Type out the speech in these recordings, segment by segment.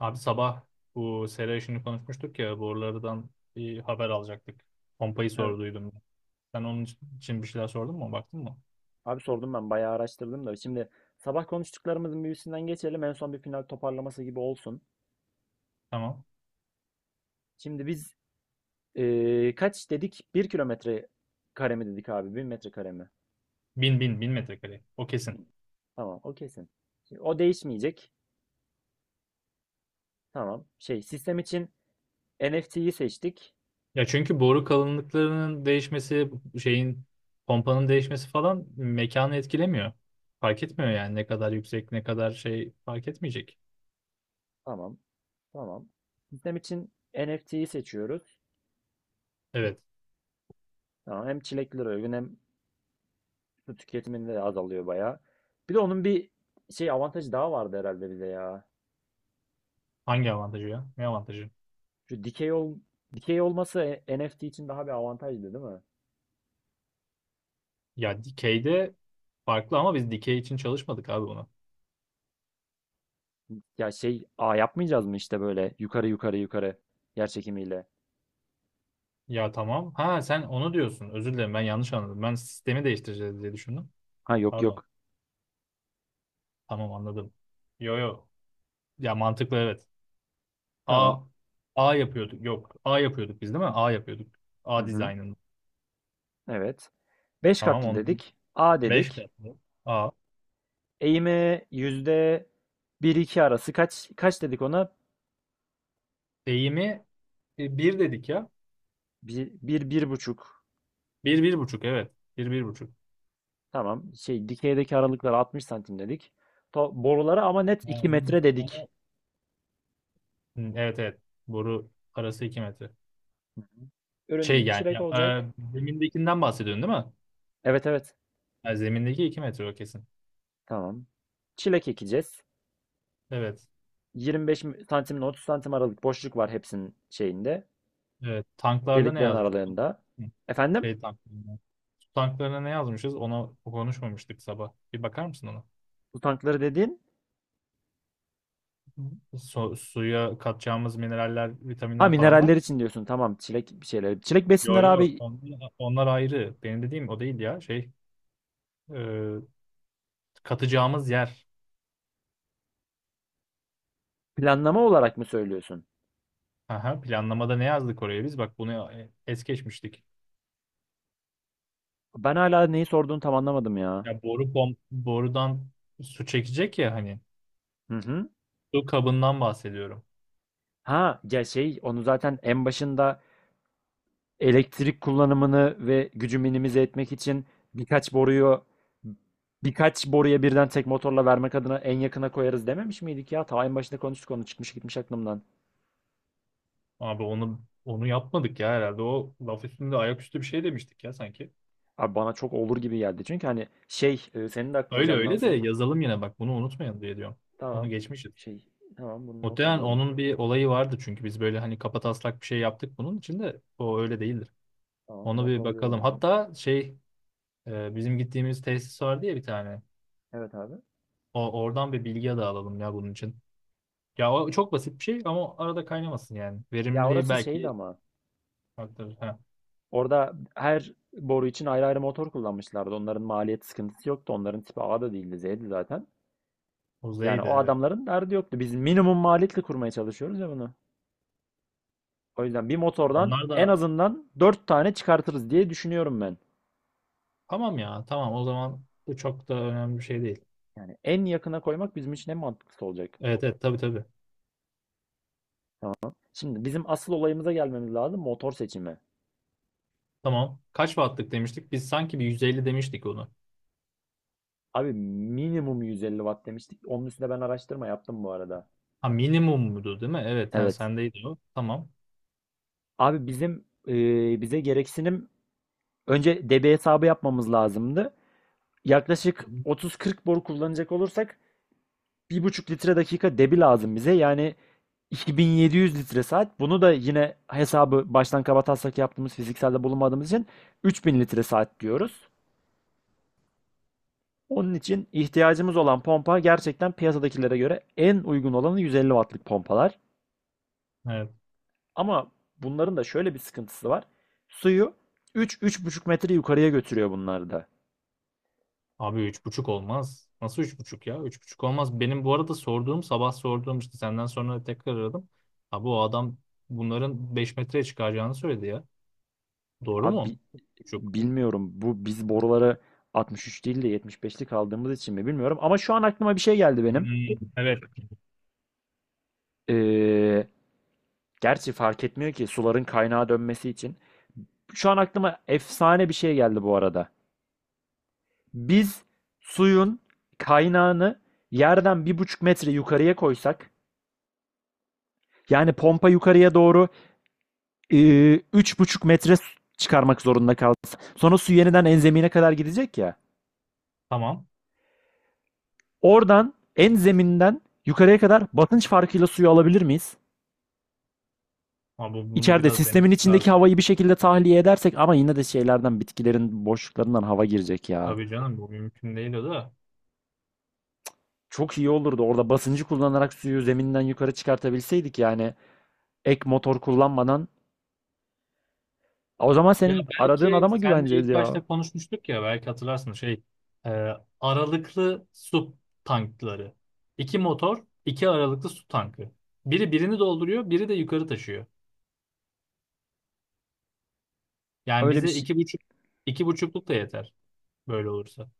Abi sabah bu sera işini konuşmuştuk ya borulardan bir haber alacaktık. Pompayı Evet. sorduydum. Sen onun için bir şeyler sordun mu? Baktın mı? Abi sordum ben bayağı araştırdım da. Şimdi sabah konuştuklarımızın bir üstünden geçelim. En son bir final toparlaması gibi olsun. Tamam. Şimdi biz kaç dedik? Bir kilometre kare mi dedik abi? 1.000 metre kare mi? Bin bin bin metrekare. O kesin. Bin. Tamam, o kesin. Şimdi o değişmeyecek. Tamam. Şey, sistem için NFT'yi seçtik. Ya çünkü boru kalınlıklarının değişmesi, şeyin pompanın değişmesi falan mekanı etkilemiyor. Fark etmiyor yani ne kadar yüksek ne kadar şey fark etmeyecek. Tamam. Tamam. Sistem için NFT'yi seçiyoruz. Evet. Tamam. Hem çileklere uygun hem su tüketiminde de azalıyor bayağı. Bir de onun bir şey avantajı daha vardı herhalde bize ya. Hangi avantajı ya? Ne avantajı? Şu dikey olması, NFT için daha bir avantajdı değil mi? Ya dikeyde farklı ama biz dikey için çalışmadık abi. Ya şey, a yapmayacağız mı işte, böyle yukarı yukarı yukarı, yer çekimiyle? Ya tamam. Ha, sen onu diyorsun. Özür dilerim, ben yanlış anladım. Ben sistemi değiştireceğiz diye düşündüm. Ha, yok Pardon. yok. Tamam, anladım. Yo yo. Ya mantıklı, evet. Tamam. A A yapıyorduk. Yok. A yapıyorduk biz değil mi? A yapıyorduk. Hı A hı. dizaynını. Evet. beş Tamam, katlı ondan dedik. A 5 de dedik. yaptık. A. Eğimi yüzde bir iki arası kaç dedik ona? Eğimi bir dedik ya. Bir, bir buçuk. Bir, bir buçuk, evet. Bir 1,5. Tamam. Şey, dikeydeki aralıklar 60 santim dedik. To borulara ama net Ya 2 onu- metre dedik. Hı, evet, evet. Boru arası 2 metre. Hı hı. Şey Ürünümüz yani çilek ya, olacak. Zemindekinden bahsediyorsun değil mi? Evet, evet. Ha, zemindeki 2 metre, o kesin. Tamam. Çilek ekeceğiz. Evet. 25 santim ile 30 santim aralık boşluk var hepsinin şeyinde. Evet, tanklarda ne Deliklerin yazmıştın? aralarında. Hı, Efendim? şey tanklarında. Su tanklarına ne yazmışız? Ona konuşmamıştık sabah. Bir bakar mısın ona? Bu tankları dediğin? Hı. Suya katacağımız mineraller, Ha, vitaminler falan var. mineraller için diyorsun. Tamam, çilek bir şeyler. Çilek Yo besinler yo. abi. Onlar ayrı. Benim dediğim o değil ya. Şey, e, katacağımız yer. Planlama olarak mı söylüyorsun? Aha, planlamada ne yazdık oraya biz? Bak, bunu es geçmiştik. Ben hala neyi sorduğunu tam anlamadım ya. Ya borudan su çekecek ya hani. Hı hı. Su kabından bahsediyorum. Ha, ya şey, onu zaten en başında elektrik kullanımını ve gücü minimize etmek için birkaç boruyu birkaç boruya birden tek motorla vermek adına en yakına koyarız dememiş miydik ya? Ta en başında konuştuk, onu çıkmış gitmiş aklımdan. Abi onu yapmadık ya herhalde. O laf üstünde ayaküstü bir şey demiştik ya sanki. Abi, bana çok olur gibi geldi. Çünkü hani şey, senin de aklına Öyle öyle de canlansın. yazalım yine, bak bunu unutmayın diye diyorum. Onu Tamam. geçmişiz. Şey, tamam, bunu not Muhtemelen alıyorum onun bir şuraya. olayı vardı çünkü biz böyle hani kapataslak bir şey yaptık, bunun için de o öyle değildir. Tamam, Onu not bir bakalım. alıyorum bunu. Hatta şey bizim gittiğimiz tesis vardı ya bir tane. Evet abi. O oradan bir bilgi de alalım ya bunun için. Ya o Tamam. çok basit bir şey ama arada kaynamasın yani. Ya, Verimli orası şeydi belki ama. aktarır. Ha, Orada her boru için ayrı ayrı motor kullanmışlardı. Onların maliyet sıkıntısı yoktu. Onların tipi A da değildi, Z'di zaten. o Yani Z'ydi, o evet. adamların derdi yoktu. Biz minimum maliyetle kurmaya çalışıyoruz ya bunu. O yüzden bir motordan Onlar en da. azından 4 tane çıkartırız diye düşünüyorum ben. Tamam ya, tamam, o zaman bu çok da önemli bir şey değil. Yani en yakına koymak bizim için en mantıklısı olacak. Evet, evet, tabii, tabii. Şimdi bizim asıl olayımıza gelmemiz lazım, motor seçimi. Tamam. Kaç wattlık demiştik? Biz sanki bir 150 demiştik onu. Abi minimum 150 watt demiştik. Onun üstüne ben araştırma yaptım bu arada. Ha, minimum muydu değil mi? Evet ha, Evet. sendeydi o. Tamam. Abi bize gereksinim, önce debi hesabı yapmamız lazımdı. Hı Yaklaşık hı. 30-40 boru kullanacak olursak 1,5 litre dakika debi lazım bize. Yani 2700 litre saat. Bunu da yine hesabı baştan kabataslak yaptığımız, fizikselde bulunmadığımız için 3000 litre saat diyoruz. Onun için ihtiyacımız olan pompa, gerçekten piyasadakilere göre en uygun olanı, 150 wattlık pompalar. Evet. Ama bunların da şöyle bir sıkıntısı var. Suyu 3 buçuk metre yukarıya götürüyor bunlar da. Abi 3,5 olmaz. Nasıl 3,5 ya? 3,5 olmaz. Benim bu arada sorduğum, sabah sorduğum işte, senden sonra tekrar aradım. Abi o adam bunların 5 metreye çıkaracağını söyledi ya. Doğru Abi mu? 3,5. bilmiyorum, bu biz boruları 63 değil de 75'lik aldığımız için mi bilmiyorum. Ama şu an aklıma bir şey geldi benim. Hmm, evet. Ee, Gerçi fark etmiyor ki suların kaynağa dönmesi için. Şu an aklıma efsane bir şey geldi bu arada. Biz suyun kaynağını yerden 1,5 metre yukarıya koysak, yani pompa yukarıya doğru 3,5 metre çıkarmak zorunda kalsın. Sonra su yeniden en zemine kadar gidecek ya. Tamam. Oradan en zeminden yukarıya kadar basınç farkıyla suyu alabilir miyiz? Ama bunu İçeride biraz sistemin denemek içindeki lazım. havayı bir şekilde tahliye edersek, ama yine de şeylerden, bitkilerin boşluklarından hava girecek ya. Tabii canım, bu mümkün değil o da. Çok iyi olurdu orada basıncı kullanarak suyu zeminden yukarı çıkartabilseydik, yani ek motor kullanmadan. O zaman Ya senin aradığın belki adama senle güveneceğiz ilk ya. başta konuşmuştuk ya, belki hatırlarsın şey, e, aralıklı su tankları. İki motor, iki aralıklı su tankı. Biri birini dolduruyor, biri de yukarı taşıyor. Yani Öyle bir bize şey. iki buçuk, iki buçukluk da yeter böyle olursa.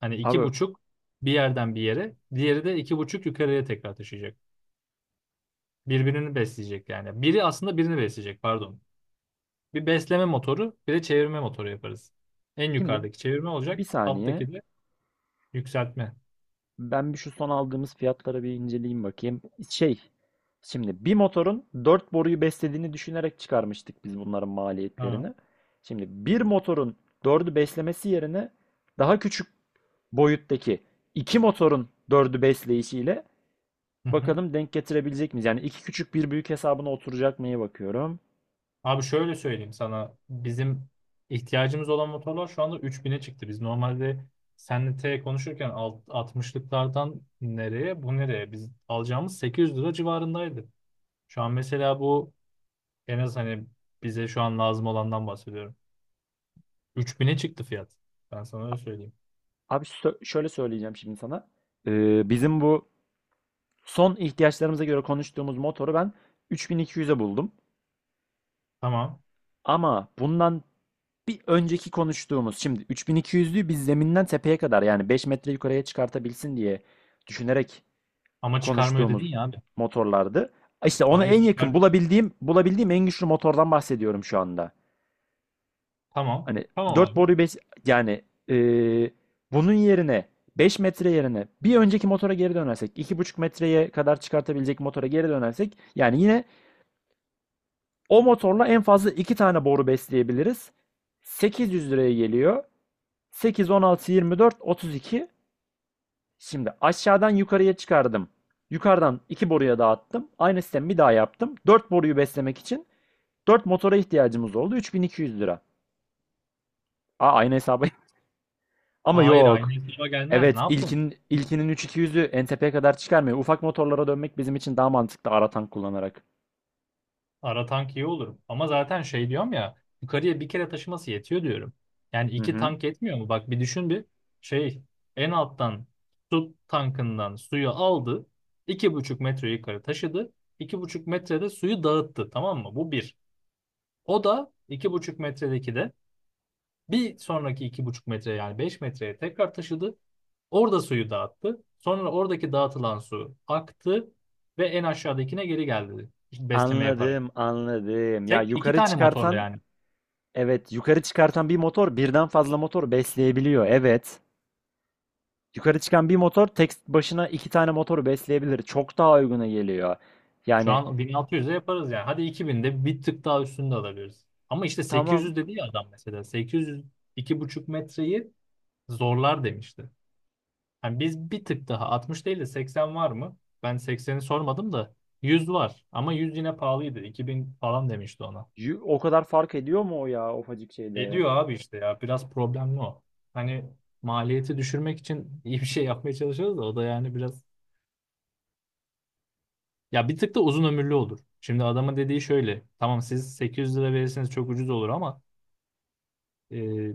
Hani iki Abi buçuk bir yerden bir yere, diğeri de iki buçuk yukarıya tekrar taşıyacak. Birbirini besleyecek yani. Biri aslında birini besleyecek, pardon. Bir besleme motoru, bir de çevirme motoru yaparız. En şimdi yukarıdaki çevirme bir olacak, saniye. alttaki de yükseltme. Ben bir şu son aldığımız fiyatlara bir inceleyeyim, bakayım. Şey, şimdi bir motorun 4 boruyu beslediğini düşünerek çıkarmıştık biz bunların Ha. maliyetlerini. Şimdi bir motorun dördü beslemesi yerine daha küçük boyuttaki iki motorun dördü besleyişiyle Hı hı. bakalım, denk getirebilecek miyiz? Yani iki küçük bir büyük hesabına oturacak mıya bakıyorum. Abi şöyle söyleyeyim sana. Bizim ihtiyacımız olan motorlar şu anda 3000'e çıktı. Biz normalde senle T konuşurken altmışlıklardan, nereye bu nereye? Biz alacağımız 800 lira civarındaydı. Şu an mesela bu en az, hani bize şu an lazım olandan bahsediyorum. 3000'e çıktı fiyat. Ben sana öyle söyleyeyim. Abi şöyle söyleyeceğim şimdi sana. Bizim bu son ihtiyaçlarımıza göre konuştuğumuz motoru ben 3200'e buldum. Tamam. Ama bundan bir önceki konuştuğumuz, şimdi 3200'lüyü biz zeminden tepeye kadar, yani 5 metre yukarıya çıkartabilsin diye düşünerek Ama çıkarma ödedin konuştuğumuz ya abi. motorlardı. İşte ona Hayır, en yakın çıkar. bulabildiğim en güçlü motordan bahsediyorum şu anda. Tamam. Hani Tamam 4 abi. boruyu 5, yani eee, bunun yerine 5 metre yerine bir önceki motora geri dönersek, 2,5 metreye kadar çıkartabilecek motora geri dönersek, yani yine o motorla en fazla 2 tane boru besleyebiliriz. 800 liraya geliyor. 8, 16, 24, 32. Şimdi aşağıdan yukarıya çıkardım. Yukarıdan 2 boruya dağıttım. Aynı sistemi bir daha yaptım. 4 boruyu beslemek için 4 motora ihtiyacımız oldu. 3200 lira. Aa, aynı hesabı. Ama Hayır, aynı yok. hesaba gelmez. Ne Evet, yaptın? İlkinin 3200'ü NTP'ye kadar çıkarmıyor. Ufak motorlara dönmek bizim için daha mantıklı, ara tank kullanarak. Ara tank iyi olur. Ama zaten şey diyorum ya, yukarıya bir kere taşıması yetiyor diyorum. Yani Hı iki hı. tank yetmiyor mu? Bak bir düşün, bir şey en alttan su tankından suyu aldı. 2,5 metre yukarı taşıdı. 2,5 metrede suyu dağıttı, tamam mı? Bu bir. O da iki buçuk metredeki de bir sonraki 2,5 metre yani 5 metreye tekrar taşıdı. Orada suyu dağıttı. Sonra oradaki dağıtılan su aktı ve en aşağıdakine geri geldi. İşte besleme yaparak. Anladım, anladım. Ya Tek iki yukarı tane motorla çıkartan yani. Evet, yukarı çıkartan bir motor birden fazla motor besleyebiliyor. Evet. Yukarı çıkan bir motor tek başına iki tane motoru besleyebilir. Çok daha uyguna geliyor. Şu Yani an 1600'e yaparız yani. Hadi 2000'de bir tık daha üstünde alabiliriz. Ama işte tamam. 800 dedi ya adam mesela. 800 buçuk metreyi zorlar demişti. Yani biz bir tık daha 60 değil de 80 var mı? Ben 80'i sormadım da 100 var. Ama 100 yine pahalıydı. 2000 falan demişti ona. O kadar fark ediyor mu o ya, ufacık şeyde? Ediyor abi işte ya. Biraz problemli o. Hani maliyeti düşürmek için iyi bir şey yapmaya çalışıyoruz da o da yani biraz. Ya bir tık da uzun ömürlü olur. Şimdi adama dediği şöyle. Tamam, siz 800 lira verirseniz çok ucuz olur ama e,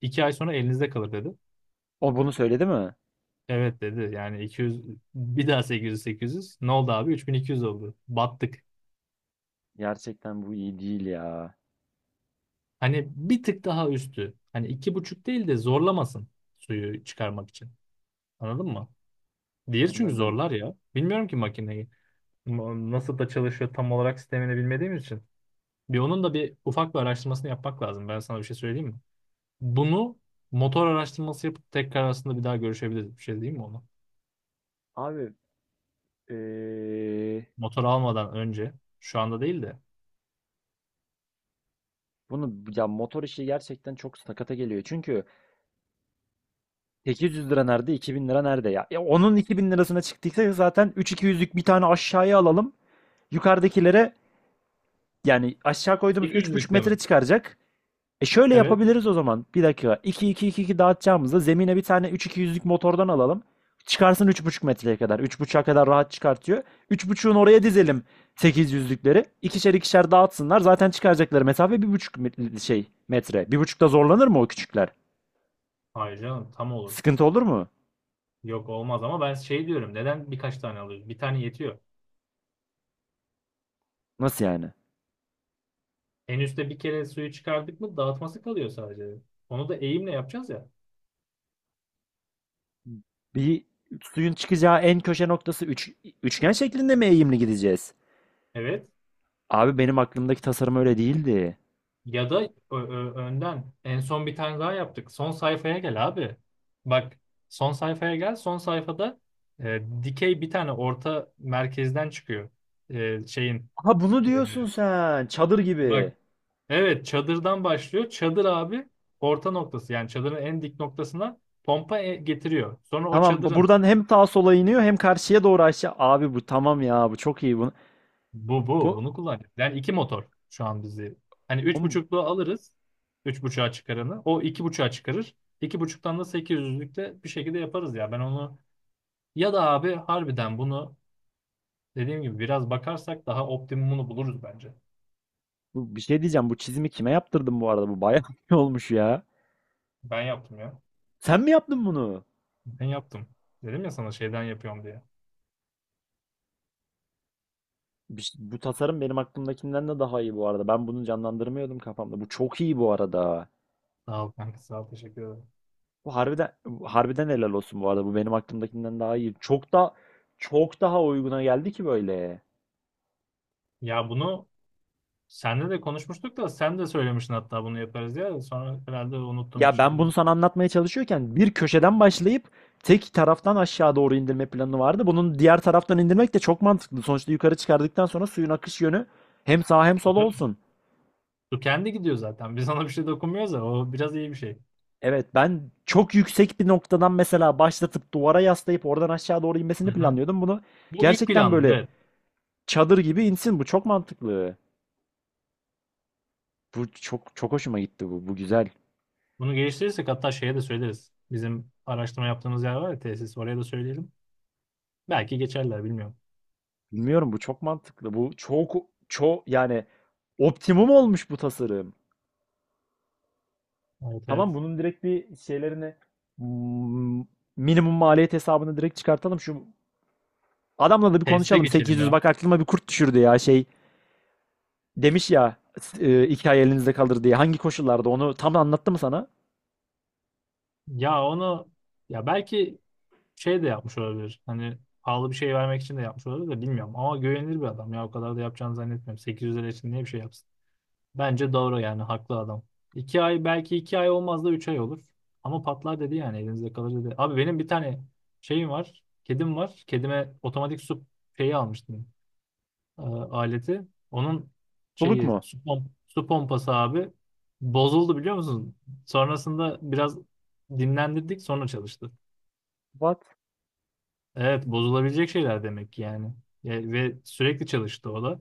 2 ay sonra elinizde kalır dedi. O bunu söyledi mi? Evet dedi. Yani 200 bir daha 800 800 ne oldu abi, 3200 oldu. Battık. Gerçekten bu iyi değil ya. Hani bir tık daha üstü. Hani iki buçuk değil de zorlamasın suyu çıkarmak için. Anladın mı? Diğeri çünkü Anladım. zorlar ya. Bilmiyorum ki makineyi. Nasıl da çalışıyor tam olarak sistemini bilmediğimiz için. Bir onun da bir ufak bir araştırmasını yapmak lazım. Ben sana bir şey söyleyeyim mi? Bunu motor araştırması yapıp tekrar aslında bir daha görüşebiliriz. Bir şey değil mi ona? Abi eee, Motor almadan önce. Şu anda değil de. bunu, ya motor işi gerçekten çok sakata geliyor. Çünkü 800 lira nerede, 2000 lira nerede ya? Ya onun 2000 lirasına çıktıysa, zaten 3200'lük bir tane aşağıya alalım. Yukarıdakilere. Yani aşağı koyduğumuz üç buçuk 800'lükte metre mi? çıkaracak. E, şöyle Evet. yapabiliriz o zaman. Bir dakika. İki iki iki iki dağıtacağımızda zemine bir tane, üç, iki 200lük motordan alalım. Çıkarsın 3,5 metreye kadar. 3,5'a kadar rahat çıkartıyor. 3,5'un oraya dizelim 800'lükleri. İkişer ikişer dağıtsınlar. Zaten çıkaracakları mesafe bir buçuk şey metre. 1,5'ta zorlanır mı o küçükler? Hayır canım, tam olur. Sıkıntı olur mu? Yok, olmaz ama ben şey diyorum. Neden birkaç tane alıyoruz? Bir tane yetiyor. Nasıl yani? En üstte bir kere suyu çıkardık mı dağıtması kalıyor sadece. Onu da eğimle yapacağız ya. Bir, suyun çıkacağı en köşe noktası, üçgen şeklinde mi eğimli gideceğiz? Evet. Abi benim aklımdaki tasarım öyle değildi. Ya da önden en son bir tane daha yaptık. Son sayfaya gel abi. Bak, son sayfaya gel. Son sayfada dikey bir tane orta merkezden çıkıyor. Şeyin. Ha, bunu e, diyorsun sen. Çadır bak, gibi. evet, çadırdan başlıyor. Çadır abi orta noktası yani çadırın en dik noktasına pompa getiriyor. Sonra o Tamam, çadırın. buradan hem sağa sola iniyor, hem karşıya doğru aşağı. Abi bu tamam ya, bu çok iyi. Bu, Bu bu. bu, Bunu kullanacağız. Yani iki motor şu an bizi. Hani üç oğlum, buçukluğu alırız. Üç buçuğa çıkaranı. O iki buçuğa çıkarır. İki buçuktan da sekiz yüzlükte bir şekilde yaparız ya. Ben onu, ya da abi harbiden bunu dediğim gibi biraz bakarsak daha optimumunu buluruz bence. bu bir şey diyeceğim. Bu çizimi kime yaptırdın bu arada? Bu bayağı iyi olmuş ya. Ben yaptım ya. Sen mi yaptın bunu? Ben yaptım. Dedim ya sana şeyden yapıyorum diye. Bu tasarım benim aklımdakinden de daha iyi bu arada. Ben bunu canlandırmıyordum kafamda. Bu çok iyi bu arada. Sağ ol kanka, sağ ol, teşekkür ederim. Bu harbiden helal olsun bu arada. Bu benim aklımdakinden daha iyi. Çok daha uyguna geldi ki böyle. Ya bunu senle de konuşmuştuk da, sen de söylemiştin hatta bunu yaparız diye. Sonra herhalde unuttum bir Ya ben şekilde. bunu sana anlatmaya çalışıyorken bir köşeden başlayıp tek taraftan aşağı doğru indirme planı vardı. Bunun diğer taraftan indirmek de çok mantıklı. Sonuçta yukarı çıkardıktan sonra suyun akış yönü hem sağa hem sola olsun. Bu kendi gidiyor zaten. Biz ona bir şey dokunmuyoruz da o biraz iyi bir şey. Evet, ben çok yüksek bir noktadan mesela başlatıp duvara yaslayıp oradan aşağı doğru inmesini Aha. planlıyordum. Bunu Bu ilk gerçekten planlı, böyle evet. çadır gibi insin. Bu çok mantıklı. Bu çok çok hoşuma gitti bu. Bu güzel. Bunu geliştirirsek hatta şeye de söyleriz. Bizim araştırma yaptığımız yer var ya, tesis, oraya da söyleyelim. Belki geçerler, bilmiyorum. Bilmiyorum, bu çok mantıklı. Bu çok çok, yani optimum olmuş bu tasarım. Evet, evet. Tamam, bunun direkt bir şeylerini, mm, minimum maliyet hesabını direkt çıkartalım. Şu adamla da bir Tesise konuşalım. geçelim 800, ya. bak aklıma bir kurt düşürdü ya, şey demiş ya, 2 ay elinizde kalır diye. Hangi koşullarda, onu tam anlattı mı sana? Ya onu, ya belki şey de yapmış olabilir. Hani pahalı bir şey vermek için de yapmış olabilir de, bilmiyorum. Ama güvenilir bir adam ya, o kadar da yapacağını zannetmiyorum. 800 lira için niye bir şey yapsın? Bence doğru yani, haklı adam. 2 ay, belki 2 ay olmaz da 3 ay olur. Ama patlar dedi, yani elinizde kalır dedi. Abi benim bir tane şeyim var. Kedim var. Kedime otomatik su şeyi almıştım. Aleti. Onun Buluk şeyi mu? su, su pompası abi bozuldu biliyor musun? Sonrasında biraz dinlendirdik, sonra çalıştı. What? Evet, bozulabilecek şeyler demek ki yani. Ve sürekli çalıştı o da.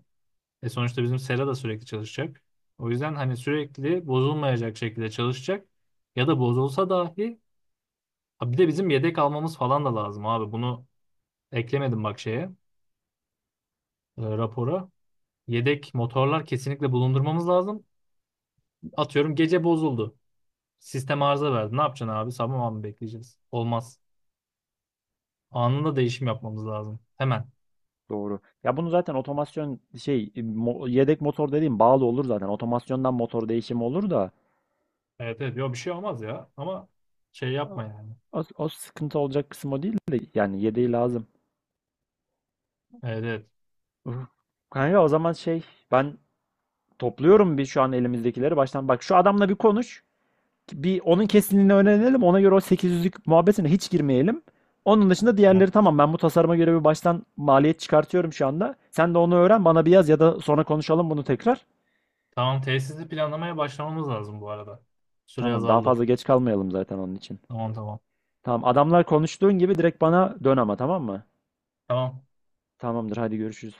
E sonuçta bizim sera da sürekli çalışacak. O yüzden hani sürekli bozulmayacak şekilde çalışacak. Ya da bozulsa dahi. Ha, bir de bizim yedek almamız falan da lazım abi. Bunu eklemedim bak şeye, rapora. Yedek motorlar kesinlikle bulundurmamız lazım. Atıyorum gece bozuldu. Sistem arıza verdi. Ne yapacaksın abi? Sabah mı bekleyeceğiz? Olmaz. Anında değişim yapmamız lazım. Hemen. Doğru. Ya bunu zaten otomasyon şey, yedek motor dediğim, bağlı olur zaten. Otomasyondan motor değişimi olur da, Evet, evet. Yok, bir şey olmaz ya. Ama şey yapma yani. o sıkıntı olacak kısım o değil de, yani yedeği lazım. Evet, evet. Uf. Kanka, o zaman şey, ben topluyorum bir şu an elimizdekileri baştan. Bak, şu adamla bir konuş. Bir onun kesinliğini öğrenelim. Ona göre, o 800'lük muhabbetine hiç girmeyelim. Onun dışında Tamam. diğerleri tamam. Ben bu tasarıma göre bir baştan maliyet çıkartıyorum şu anda. Sen de onu öğren, bana bir yaz ya da sonra konuşalım bunu tekrar. Tamam, tesisli planlamaya başlamamız lazım bu arada. Süre Tamam, daha azaldı. fazla geç kalmayalım zaten onun için. Tamam, tamam. Tamam, adamlar konuştuğun gibi direkt bana dön ama, tamam mı? Tamam. Tamamdır, hadi görüşürüz.